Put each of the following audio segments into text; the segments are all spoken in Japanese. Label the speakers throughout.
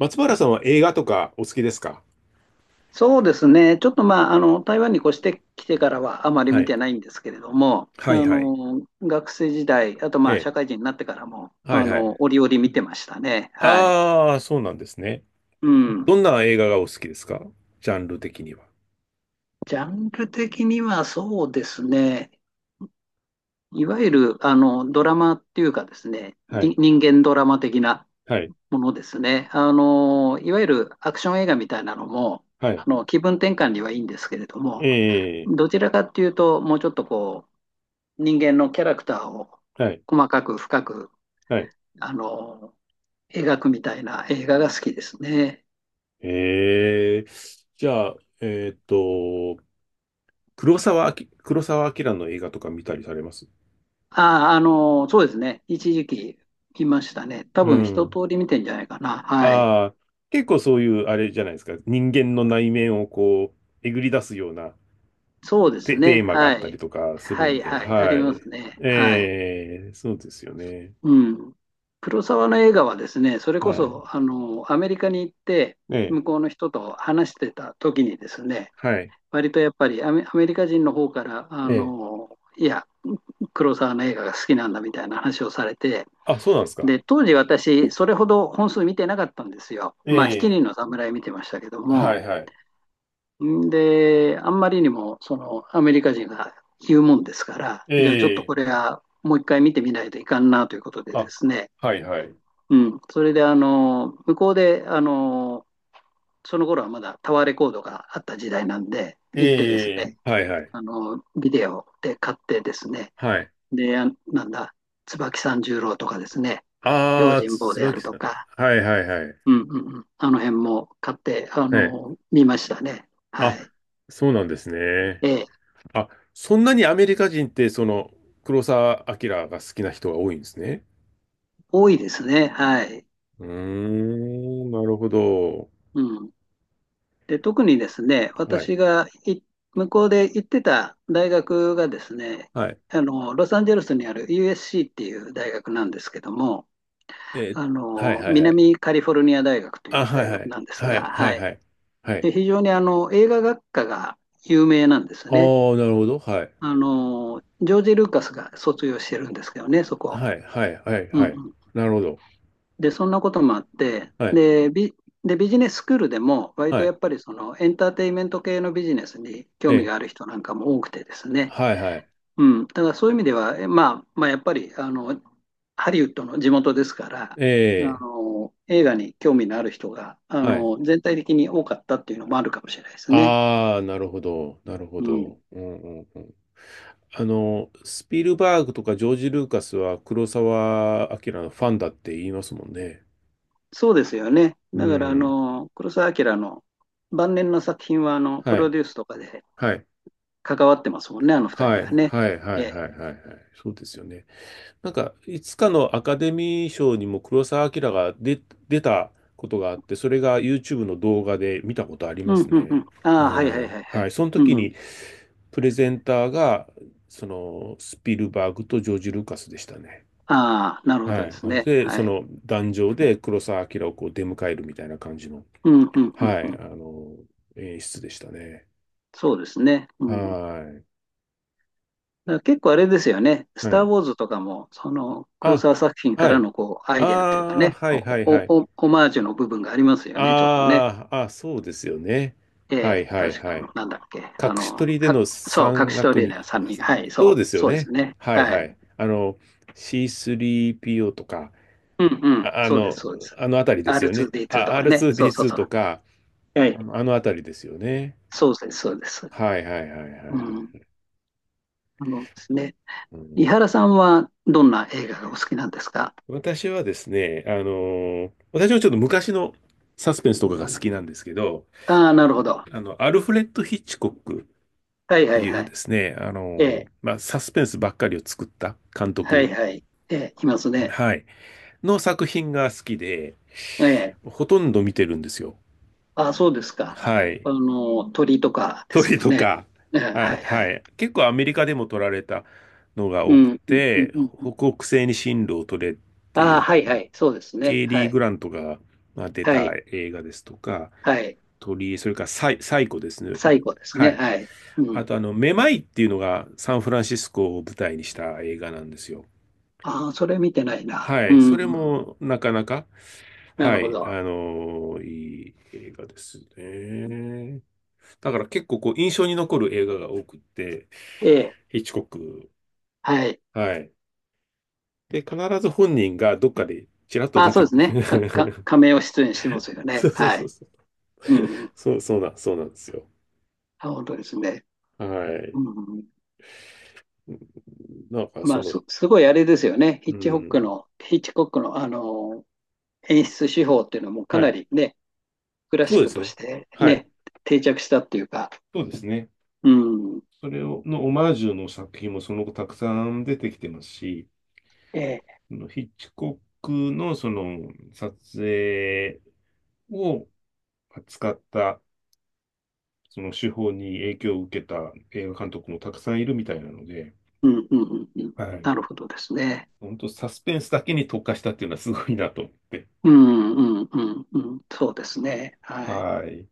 Speaker 1: 松原さんは映画とかお好きですか？
Speaker 2: そうですね。ちょっとまあ、台湾に越してきてからはあまり
Speaker 1: は
Speaker 2: 見
Speaker 1: い。
Speaker 2: てないんですけれども、
Speaker 1: はいはい。
Speaker 2: 学生時代、あと
Speaker 1: え
Speaker 2: まあ、
Speaker 1: え。
Speaker 2: 社会人になってからも、
Speaker 1: はいはい。
Speaker 2: 折々見てましたね。はい。
Speaker 1: ああ、そうなんですね。
Speaker 2: うん。
Speaker 1: どんな映画がお好きですか？ジャンル的には。
Speaker 2: ジャンル的にはそうですね。いわゆる、ドラマっていうかですね、
Speaker 1: は
Speaker 2: に
Speaker 1: い。
Speaker 2: 人間ドラマ的な
Speaker 1: はい。
Speaker 2: ものですね。いわゆるアクション映画みたいなのも、
Speaker 1: はい。
Speaker 2: 気分転換にはいいんですけれども、
Speaker 1: ええ。
Speaker 2: どちらかっていうと、もうちょっと人間のキャラクターを
Speaker 1: はい。
Speaker 2: 細かく深く、
Speaker 1: はい。
Speaker 2: あの、描くみたいな映画が好きですね。
Speaker 1: ええ。じゃあ、えーっと、黒沢明の映画とか見たりされます？
Speaker 2: ああ、そうですね。一時期見ましたね。多
Speaker 1: う
Speaker 2: 分一通
Speaker 1: ん。
Speaker 2: り見てんじゃないかな。はい。
Speaker 1: ああ、結構そういう、あれじゃないですか。人間の内面をこう、えぐり出すような
Speaker 2: そうです
Speaker 1: テ、
Speaker 2: ね。
Speaker 1: テーマがあ
Speaker 2: は
Speaker 1: ったり
Speaker 2: い。
Speaker 1: とかする
Speaker 2: は
Speaker 1: ん
Speaker 2: い、
Speaker 1: で、
Speaker 2: はい。あり
Speaker 1: は
Speaker 2: ま
Speaker 1: い。
Speaker 2: すね。はい。
Speaker 1: ええ、そうですよね。
Speaker 2: うん。黒沢の映画はですね、それ
Speaker 1: は
Speaker 2: こ
Speaker 1: い。
Speaker 2: そ、アメリカに行って、
Speaker 1: ええ、
Speaker 2: 向こうの人と話してた時にですね、
Speaker 1: はい。
Speaker 2: 割とやっぱりアメリカ人の方から、
Speaker 1: ええ。
Speaker 2: いや、黒沢の映画が好きなんだみたいな話をされて、
Speaker 1: あ、そうなんですか。
Speaker 2: で、当時私、それほど本数見てなかったんですよ。
Speaker 1: え
Speaker 2: まあ、七人
Speaker 1: え、
Speaker 2: の侍見てましたけど
Speaker 1: は
Speaker 2: も、
Speaker 1: いはい。
Speaker 2: で、あんまりにも、その、アメリカ人が言うもんですから、
Speaker 1: え
Speaker 2: じゃあちょっと
Speaker 1: え、
Speaker 2: これはもう一回見てみないといかんなということでで
Speaker 1: あ、
Speaker 2: すね、
Speaker 1: はいはい。
Speaker 2: うん、それで、向こうで、その頃はまだタワーレコードがあった時代なんで、行ってです
Speaker 1: ええ、
Speaker 2: ね、
Speaker 1: はいはい。
Speaker 2: ビデオで買ってですね、
Speaker 1: はい。
Speaker 2: で、なんだ、椿三十郎とかですね、
Speaker 1: あ
Speaker 2: 用
Speaker 1: あ、
Speaker 2: 心
Speaker 1: つ、
Speaker 2: 棒
Speaker 1: つ
Speaker 2: であ
Speaker 1: ばき
Speaker 2: ると
Speaker 1: さん。
Speaker 2: か、
Speaker 1: はいはいはい。
Speaker 2: うんうあの辺も買って、
Speaker 1: ええ。
Speaker 2: 見ましたね。
Speaker 1: あ、
Speaker 2: はい。
Speaker 1: そうなんですね。
Speaker 2: ええ、
Speaker 1: あ、そんなにアメリカ人って、その、黒澤明が好きな人が多いんですね。
Speaker 2: 多いですね。はい。
Speaker 1: うーん、なるほど。
Speaker 2: うん。で、特にですね、
Speaker 1: は
Speaker 2: 私
Speaker 1: い。
Speaker 2: が向こうで行ってた大学がですね、
Speaker 1: はい
Speaker 2: ロサンゼルスにある USC っていう大学なんですけども、
Speaker 1: えーはいはいはい。
Speaker 2: 南カリフォルニア大学とい
Speaker 1: あ、
Speaker 2: う
Speaker 1: は
Speaker 2: 大
Speaker 1: いは
Speaker 2: 学
Speaker 1: い。
Speaker 2: なんです
Speaker 1: は
Speaker 2: が、
Speaker 1: いはい
Speaker 2: はい。
Speaker 1: はい。はい。
Speaker 2: で、非常に映画学科が有名なんです
Speaker 1: ああ、
Speaker 2: ね。
Speaker 1: なるほど。はい。
Speaker 2: ジョージ・ルーカスが卒業してるんですけどね、そこ。
Speaker 1: はいはいはい
Speaker 2: うんう
Speaker 1: はい。
Speaker 2: ん
Speaker 1: なるほど。
Speaker 2: で、そんなこともあって、
Speaker 1: はい。
Speaker 2: で、ビジネススクールでも、割と
Speaker 1: は
Speaker 2: や
Speaker 1: い。
Speaker 2: っぱりそのエンターテインメント系のビジネスに興味
Speaker 1: え
Speaker 2: がある人なんかも多くてです
Speaker 1: ー、
Speaker 2: ね、
Speaker 1: はいはい。
Speaker 2: うん、だからそういう意味では、えまあ、まあ、やっぱりハリウッドの地元ですから、
Speaker 1: え
Speaker 2: 映画に興味のある人が
Speaker 1: ー、はい。
Speaker 2: 全体的に多かったっていうのもあるかもしれないですね。
Speaker 1: ああ、なるほど。なるほ
Speaker 2: うん、
Speaker 1: どはいはいえはいはいえーはいああなるほどなるほどうんうんうん。あの、スピルバーグとかジョージ・ルーカスは黒澤明のファンだって言いますもんね。
Speaker 2: そうですよね。
Speaker 1: う
Speaker 2: だから
Speaker 1: ん。
Speaker 2: 黒澤明の晩年の作品はプ
Speaker 1: は
Speaker 2: ロ
Speaker 1: い。
Speaker 2: デュースとかで
Speaker 1: はい。
Speaker 2: 関わってますもんね、あの二
Speaker 1: は
Speaker 2: 人は
Speaker 1: い。
Speaker 2: ね。
Speaker 1: はい。はい。は
Speaker 2: え
Speaker 1: い。は
Speaker 2: え
Speaker 1: い。はいそうですよね。なんか、いつかのアカデミー賞にも黒澤明が出、出たことがあって、それが YouTube の動画で見たことあり
Speaker 2: う
Speaker 1: ま
Speaker 2: ん、
Speaker 1: す
Speaker 2: うん、う
Speaker 1: ね。
Speaker 2: ん。
Speaker 1: う
Speaker 2: ああ、はい、はい、
Speaker 1: ん。
Speaker 2: はい、は
Speaker 1: は
Speaker 2: い。
Speaker 1: い。その時
Speaker 2: うん。
Speaker 1: に、プレゼンターが、その、スピルバーグとジョージ・ルーカスでしたね。
Speaker 2: ああ、なるほ
Speaker 1: は
Speaker 2: どです
Speaker 1: い。
Speaker 2: ね。
Speaker 1: で、
Speaker 2: は
Speaker 1: そ
Speaker 2: い。
Speaker 1: の、壇上で黒澤明をこう出迎えるみたいな感じの、
Speaker 2: うん、うん、うん、
Speaker 1: は
Speaker 2: う
Speaker 1: い、あ
Speaker 2: ん。
Speaker 1: の、演出でしたね。
Speaker 2: そうですね。うん。だ
Speaker 1: は
Speaker 2: から結構あれですよね。
Speaker 1: い。
Speaker 2: ス
Speaker 1: は
Speaker 2: ター・
Speaker 1: い。
Speaker 2: ウォーズとかも、その、黒
Speaker 1: あ、
Speaker 2: 沢作品か
Speaker 1: は
Speaker 2: ら
Speaker 1: い。
Speaker 2: のこう、ア
Speaker 1: あ
Speaker 2: イデアっていうか
Speaker 1: あ、
Speaker 2: ね、
Speaker 1: はい、は
Speaker 2: お、
Speaker 1: い、は
Speaker 2: お、
Speaker 1: い。
Speaker 2: お、オマージュの部分がありますよね、ちょっとね。
Speaker 1: ああ、あ、そうですよね。
Speaker 2: え
Speaker 1: はい
Speaker 2: え、
Speaker 1: はい
Speaker 2: 確か、
Speaker 1: はい。
Speaker 2: なんだっけ。
Speaker 1: 隠し撮りでの
Speaker 2: そう、隠
Speaker 1: 山
Speaker 2: しト
Speaker 1: 岳
Speaker 2: レー
Speaker 1: に、
Speaker 2: ナー3
Speaker 1: あ
Speaker 2: 人。はい、
Speaker 1: そう
Speaker 2: そ
Speaker 1: で
Speaker 2: う、
Speaker 1: すよ
Speaker 2: そうで
Speaker 1: ね。
Speaker 2: すね。
Speaker 1: はい
Speaker 2: は
Speaker 1: は
Speaker 2: い。
Speaker 1: い。あの、C3PO とか、
Speaker 2: うん、うん、
Speaker 1: あ、あ
Speaker 2: そうです、
Speaker 1: の、
Speaker 2: そうです。
Speaker 1: あのあたりですよね。
Speaker 2: R2D2 と
Speaker 1: あ、
Speaker 2: かね。そうそう
Speaker 1: R2D2
Speaker 2: そ
Speaker 1: とか、
Speaker 2: う。は
Speaker 1: あ
Speaker 2: い。
Speaker 1: の、あのあたりですよね。
Speaker 2: そうです、そうです。
Speaker 1: はいはいはいはいは
Speaker 2: うん。
Speaker 1: い。
Speaker 2: あのですね。
Speaker 1: う
Speaker 2: 伊
Speaker 1: ん、
Speaker 2: 原さんはどんな映画がお好きなんですか？
Speaker 1: 私はですね、私はちょっと昔のサスペンスとかが好きなんですけど、
Speaker 2: ああー、なるほど。
Speaker 1: あの、アルフレッド・ヒッチコックっ
Speaker 2: はいは
Speaker 1: て
Speaker 2: い
Speaker 1: い
Speaker 2: は
Speaker 1: う
Speaker 2: い。
Speaker 1: ですね、あ
Speaker 2: え
Speaker 1: の、
Speaker 2: え、
Speaker 1: まあ、サスペンスばっかりを作った監
Speaker 2: はい
Speaker 1: 督、
Speaker 2: はい。ええ、いますね。
Speaker 1: はい、の作品が好きで、
Speaker 2: ええ、
Speaker 1: ほとんど見てるんですよ。
Speaker 2: ああ、そうですか。
Speaker 1: はい。
Speaker 2: 鳥とかで
Speaker 1: ト
Speaker 2: す
Speaker 1: リ
Speaker 2: よ
Speaker 1: と
Speaker 2: ね。
Speaker 1: か、
Speaker 2: ええ、は
Speaker 1: あ、
Speaker 2: いは
Speaker 1: は
Speaker 2: い。
Speaker 1: い。結構アメリカでも撮られたのが
Speaker 2: う
Speaker 1: 多く
Speaker 2: ん、うん、うん。
Speaker 1: て、
Speaker 2: うん
Speaker 1: 北北西に進路を取れってい
Speaker 2: ああ、
Speaker 1: う、
Speaker 2: はいは
Speaker 1: まあ
Speaker 2: い。そうです
Speaker 1: ケ
Speaker 2: ね。
Speaker 1: イ
Speaker 2: は
Speaker 1: リー・
Speaker 2: い。
Speaker 1: グラントがまあ出
Speaker 2: は
Speaker 1: た
Speaker 2: い。
Speaker 1: 映画ですとか、
Speaker 2: はい。
Speaker 1: 鳥それからサイコですね。
Speaker 2: 最後です
Speaker 1: は
Speaker 2: ね。
Speaker 1: い。
Speaker 2: はい。う
Speaker 1: あ
Speaker 2: ん。
Speaker 1: と、あの、めまいっていうのがサンフランシスコを舞台にした映画なんですよ。
Speaker 2: ああ、それ見てないな。
Speaker 1: は
Speaker 2: う
Speaker 1: い。
Speaker 2: ん、
Speaker 1: それ
Speaker 2: うん。
Speaker 1: もなかなか、
Speaker 2: な
Speaker 1: は
Speaker 2: るほ
Speaker 1: い。
Speaker 2: ど。
Speaker 1: いい映画ですね。だから結構こう印象に残る映画が多くって、
Speaker 2: ええ、
Speaker 1: ヒッチコック。
Speaker 2: はい。
Speaker 1: はい。で、必ず本人がどっかでちらっと
Speaker 2: ああ、
Speaker 1: 出
Speaker 2: そ
Speaker 1: て
Speaker 2: うです
Speaker 1: く
Speaker 2: ね。
Speaker 1: る。
Speaker 2: 亀を出演してますよ
Speaker 1: そ
Speaker 2: ね。
Speaker 1: うそう
Speaker 2: は
Speaker 1: そう
Speaker 2: い。
Speaker 1: そう。
Speaker 2: うん、うん。
Speaker 1: そう、そうなんですよ。
Speaker 2: あ、本当ですね。
Speaker 1: はい。
Speaker 2: うん
Speaker 1: なんかそ
Speaker 2: まあ、
Speaker 1: の、
Speaker 2: すごいあれですよね。
Speaker 1: うん。
Speaker 2: ヒッチコックの、演出手法っていうのもか
Speaker 1: は
Speaker 2: な
Speaker 1: い。
Speaker 2: りね、クラ
Speaker 1: そ
Speaker 2: シ
Speaker 1: う
Speaker 2: ッ
Speaker 1: で
Speaker 2: ク
Speaker 1: す
Speaker 2: と
Speaker 1: ね。
Speaker 2: して
Speaker 1: は
Speaker 2: ね、
Speaker 1: い。
Speaker 2: 定着したっていうか、
Speaker 1: そうですね。
Speaker 2: うん、
Speaker 1: それを、のオマージュの作品もその後たくさん出てきてますし、
Speaker 2: ええ、
Speaker 1: そのヒッチコックのその撮影を扱ったその手法に影響を受けた映画監督もたくさんいるみたいなので、
Speaker 2: うん、うん、うん、うん、
Speaker 1: は
Speaker 2: な
Speaker 1: い。
Speaker 2: るほどですね。
Speaker 1: 本当サスペンスだけに特化したっていうのはすごいなと思って。
Speaker 2: うん、うん、うん、うん、そうですね。はい。
Speaker 1: はい。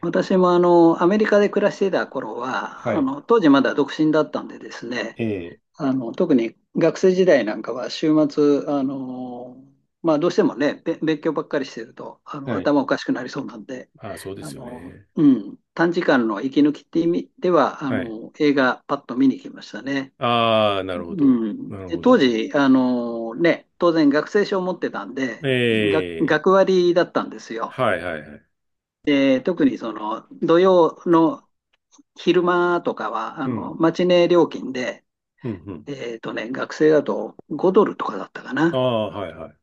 Speaker 2: 私もアメリカで暮らしていた頃
Speaker 1: は
Speaker 2: は、
Speaker 1: い。
Speaker 2: 当時まだ独身だったんでですね、
Speaker 1: ええ。
Speaker 2: 特に学生時代なんかは週末、まあ、どうしてもね、勉強ばっかりしてると、
Speaker 1: はい。
Speaker 2: 頭おかしくなりそうなんで、
Speaker 1: ああ、そうですよね。
Speaker 2: うん、短時間の息抜きって意味では、
Speaker 1: はい。
Speaker 2: 映画パッと見に来ましたね。
Speaker 1: ああ、なるほ
Speaker 2: う
Speaker 1: ど。
Speaker 2: ん。
Speaker 1: なる
Speaker 2: で
Speaker 1: ほ
Speaker 2: 当
Speaker 1: ど。
Speaker 2: 時、ね、当然学生証を持ってたんで、
Speaker 1: え
Speaker 2: が
Speaker 1: え。
Speaker 2: 学割だったんですよ。
Speaker 1: はいはいはい。
Speaker 2: 特にその土曜の昼間とかは
Speaker 1: うん。
Speaker 2: マチネ料金で
Speaker 1: うんうん。
Speaker 2: 学生だと5ドルとかだったかな。
Speaker 1: あ
Speaker 2: だか
Speaker 1: あ、はいはい。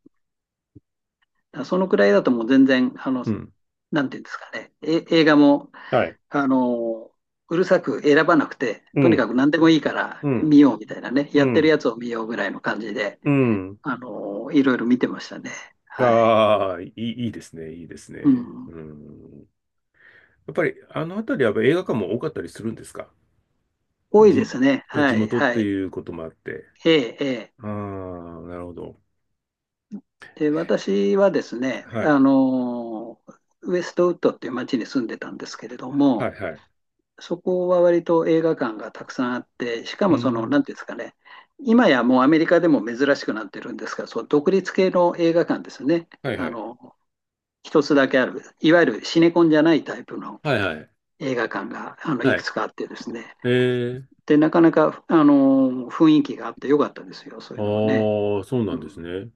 Speaker 2: らそのくらいだともう全然、
Speaker 1: うん。
Speaker 2: なんていうんですかね、映画も、
Speaker 1: はい。
Speaker 2: あの、うるさく選ばなくて、
Speaker 1: う
Speaker 2: とにか
Speaker 1: ん。
Speaker 2: く何でもいいから
Speaker 1: うん。
Speaker 2: 見ようみたいなね、
Speaker 1: う
Speaker 2: やってる
Speaker 1: ん。
Speaker 2: やつを見ようぐらいの感じで、
Speaker 1: うん。
Speaker 2: いろいろ見てましたね。はい。
Speaker 1: ああ、いい、いいですね、いいです
Speaker 2: う
Speaker 1: ね。
Speaker 2: ん。
Speaker 1: うん。やっぱり、あの辺りはやっぱ映画館も多かったりするんですか？
Speaker 2: 多い
Speaker 1: 地、
Speaker 2: ですね。は
Speaker 1: 地
Speaker 2: い、
Speaker 1: 元っ
Speaker 2: は
Speaker 1: て
Speaker 2: い。
Speaker 1: いうこともあって。
Speaker 2: ええ、ええ。
Speaker 1: ああ、なるほど。
Speaker 2: で、私はですね、
Speaker 1: はい。
Speaker 2: ウェストウッドっていう町に住んでたんですけれど
Speaker 1: はい、
Speaker 2: も、
Speaker 1: はい。
Speaker 2: そこは割と映画館がたくさんあって、しか
Speaker 1: う
Speaker 2: もその、
Speaker 1: ん。
Speaker 2: なんていうんですかね、今やもうアメリカでも珍しくなってるんですが、そう独立系の映画館ですね。
Speaker 1: はい、は
Speaker 2: あ
Speaker 1: い。
Speaker 2: の、一つだけある、いわゆるシネコンじゃないタイプの
Speaker 1: はい、はい。
Speaker 2: 映画館が、い
Speaker 1: は
Speaker 2: く
Speaker 1: い。
Speaker 2: つかあってですね。
Speaker 1: ええ。
Speaker 2: で、なかなか、雰囲気があってよかったですよ、そうい
Speaker 1: あ
Speaker 2: うのもね。
Speaker 1: あ、そうな
Speaker 2: う
Speaker 1: んです
Speaker 2: ん、
Speaker 1: ね。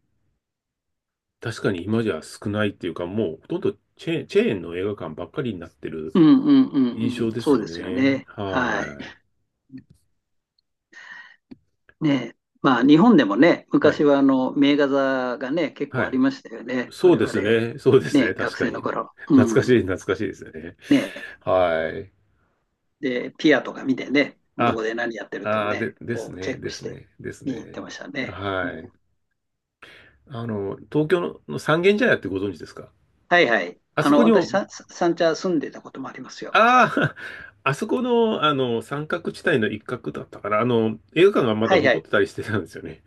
Speaker 1: 確かに今じゃ少ないっていうか、もうほとんどチェーンの映画館ばっかりになってる
Speaker 2: うん、うん、うん、
Speaker 1: 印
Speaker 2: うん
Speaker 1: 象で
Speaker 2: そ
Speaker 1: す
Speaker 2: う
Speaker 1: よ
Speaker 2: ですよ
Speaker 1: ね。
Speaker 2: ね。はい。
Speaker 1: は
Speaker 2: ねえ、まあ日本でもね、
Speaker 1: い。は
Speaker 2: 昔
Speaker 1: い。
Speaker 2: は名画座がね、結構
Speaker 1: は
Speaker 2: あり
Speaker 1: い。
Speaker 2: ましたよね。
Speaker 1: そう
Speaker 2: 我
Speaker 1: で
Speaker 2: 々、
Speaker 1: すね。そうです
Speaker 2: ね、
Speaker 1: ね。確
Speaker 2: 学
Speaker 1: か
Speaker 2: 生の
Speaker 1: に。
Speaker 2: 頃。うん。
Speaker 1: 懐かしいですね。
Speaker 2: ねえ、
Speaker 1: はい。
Speaker 2: で、ピアとか見てね、ど
Speaker 1: あ、
Speaker 2: こで何やってるっていう
Speaker 1: で、
Speaker 2: ね、こうチェックして
Speaker 1: です
Speaker 2: 見に行って
Speaker 1: ね。
Speaker 2: ましたね。う
Speaker 1: は
Speaker 2: ん、
Speaker 1: い。あの、東京の三軒茶屋ってご存知ですか？
Speaker 2: はいはい。
Speaker 1: あそこに
Speaker 2: 私、
Speaker 1: も、
Speaker 2: 三茶住んでたこともありますよ。
Speaker 1: ああ、あそこの、あの、三角地帯の一角だったから、あの、映画館がまだ
Speaker 2: はいは
Speaker 1: 残っ
Speaker 2: い。
Speaker 1: てたりしてたんですよね。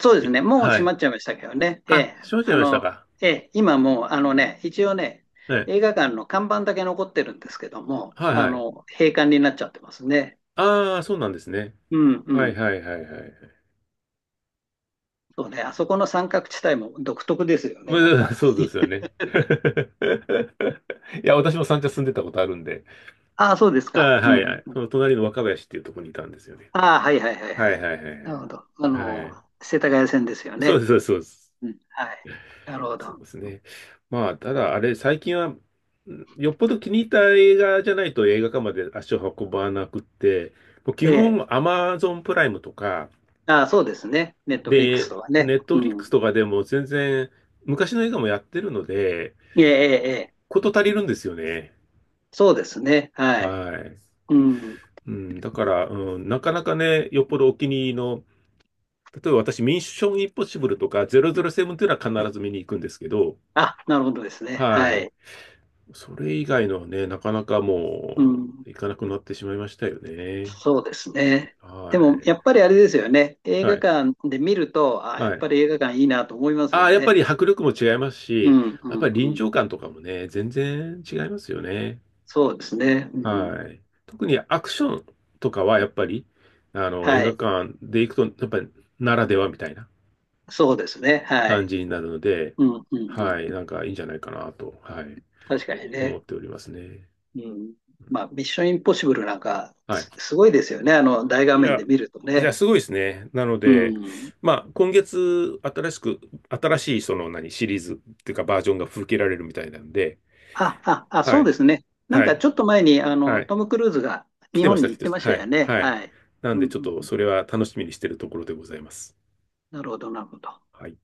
Speaker 2: そうです
Speaker 1: え、
Speaker 2: ね。もう
Speaker 1: は
Speaker 2: 閉
Speaker 1: い。
Speaker 2: まっちゃいましたけどね。え
Speaker 1: あ、
Speaker 2: え、
Speaker 1: 閉まっちゃ
Speaker 2: あ
Speaker 1: いました
Speaker 2: の、
Speaker 1: か。
Speaker 2: ええ、今もう、あのね、一応ね、
Speaker 1: ね。
Speaker 2: 映画館の看板だけ残ってるんですけども、
Speaker 1: はいはい。
Speaker 2: 閉館になっちゃってますね。
Speaker 1: ああ、そうなんですね。
Speaker 2: うんう
Speaker 1: はい
Speaker 2: ん。
Speaker 1: はいはいはい。
Speaker 2: そうね。あそこの三角地帯も独特ですよ
Speaker 1: ま
Speaker 2: ね。なん
Speaker 1: あ、
Speaker 2: か。
Speaker 1: そうですよね。いや、私も三茶住んでたことあるんで。
Speaker 2: ああ、そうです
Speaker 1: あ
Speaker 2: か。
Speaker 1: あ、
Speaker 2: う
Speaker 1: はい
Speaker 2: ん。
Speaker 1: はい。その隣の若林っていうところにいたんですよね。
Speaker 2: ああ、はいはいはい
Speaker 1: はい
Speaker 2: はい。
Speaker 1: はいはい
Speaker 2: なるほど。
Speaker 1: はい。はい。
Speaker 2: 世田谷線ですよ
Speaker 1: そうで
Speaker 2: ね。
Speaker 1: す、そうです。
Speaker 2: うん。はい。なるほ
Speaker 1: そう
Speaker 2: ど。
Speaker 1: ですね。まあ、ただ、あれ、最近は、よっぽど気に入った映画じゃないと映画館まで足を運ばなくって、もう基
Speaker 2: ええ。
Speaker 1: 本、アマゾンプライムとか、
Speaker 2: ああ、そうですね。ネットフリックス
Speaker 1: で、
Speaker 2: とはね。
Speaker 1: ネットフ
Speaker 2: う
Speaker 1: リックス
Speaker 2: ん。
Speaker 1: とかでも全然、昔の映画もやってるので、
Speaker 2: ええ、ええ、ええ
Speaker 1: こと足りるんですよね。
Speaker 2: そうですね。は
Speaker 1: は
Speaker 2: い。
Speaker 1: い。
Speaker 2: うん。
Speaker 1: うん、だから、うん、なかなかね、よっぽどお気に入りの、例えば私、ミッションインポッシブルとか007というのは必ず見に行くんですけど、
Speaker 2: あ、なるほどですね。
Speaker 1: は
Speaker 2: は
Speaker 1: い。
Speaker 2: い。
Speaker 1: それ以外のはね、なかなか
Speaker 2: う
Speaker 1: も
Speaker 2: ん。
Speaker 1: う、行かなくなってしまいましたよね。
Speaker 2: そうですね。
Speaker 1: は
Speaker 2: でも、やっぱりあれですよね。映
Speaker 1: い。は
Speaker 2: 画
Speaker 1: い。
Speaker 2: 館で見ると、ああ、や
Speaker 1: は
Speaker 2: っ
Speaker 1: い。
Speaker 2: ぱり映画館いいなと思います
Speaker 1: あ
Speaker 2: よ
Speaker 1: あ、やっぱ
Speaker 2: ね。
Speaker 1: り迫力も違います
Speaker 2: う
Speaker 1: し、
Speaker 2: ん、う
Speaker 1: やっぱ
Speaker 2: ん、
Speaker 1: り
Speaker 2: う
Speaker 1: 臨
Speaker 2: ん。
Speaker 1: 場感とかもね、全然違いますよね。
Speaker 2: そうですね。うん。
Speaker 1: はい。特にアクションとかはやっぱり、あの、映
Speaker 2: は
Speaker 1: 画
Speaker 2: い。
Speaker 1: 館で行くと、やっぱりならではみたいな。
Speaker 2: そうですね。は
Speaker 1: 感
Speaker 2: い。
Speaker 1: じになるので、
Speaker 2: うん、うん、う
Speaker 1: は
Speaker 2: ん。
Speaker 1: い、なんかいいんじゃないかなと、はい、
Speaker 2: 確かに
Speaker 1: 思っ
Speaker 2: ね。
Speaker 1: ておりますね。
Speaker 2: うん。まあ、ミッションインポッシブルなんか、
Speaker 1: はい。
Speaker 2: すごいですよね。大画
Speaker 1: い
Speaker 2: 面で
Speaker 1: や、
Speaker 2: 見ると
Speaker 1: じゃあ
Speaker 2: ね。
Speaker 1: すごいですね。なの
Speaker 2: う
Speaker 1: で、
Speaker 2: ん。
Speaker 1: まあ、今月、新しい、その、何、シリーズっていうか、バージョンが吹けられるみたいなんで、
Speaker 2: あ、
Speaker 1: は
Speaker 2: そう
Speaker 1: い、
Speaker 2: ですね。なん
Speaker 1: は
Speaker 2: か
Speaker 1: い、
Speaker 2: ちょっと前に、
Speaker 1: はい。
Speaker 2: トム・クルーズが
Speaker 1: 来
Speaker 2: 日
Speaker 1: てま
Speaker 2: 本
Speaker 1: し
Speaker 2: に
Speaker 1: た、来
Speaker 2: 行っ
Speaker 1: て
Speaker 2: て
Speaker 1: ました。
Speaker 2: ました
Speaker 1: は
Speaker 2: よ
Speaker 1: い、
Speaker 2: ね。
Speaker 1: はい。
Speaker 2: はい。
Speaker 1: なん
Speaker 2: うん、う
Speaker 1: で、ちょっ
Speaker 2: ん、う
Speaker 1: と、
Speaker 2: ん。
Speaker 1: それは楽しみにしてるところでございます。
Speaker 2: なるほど、なるほど。
Speaker 1: はい。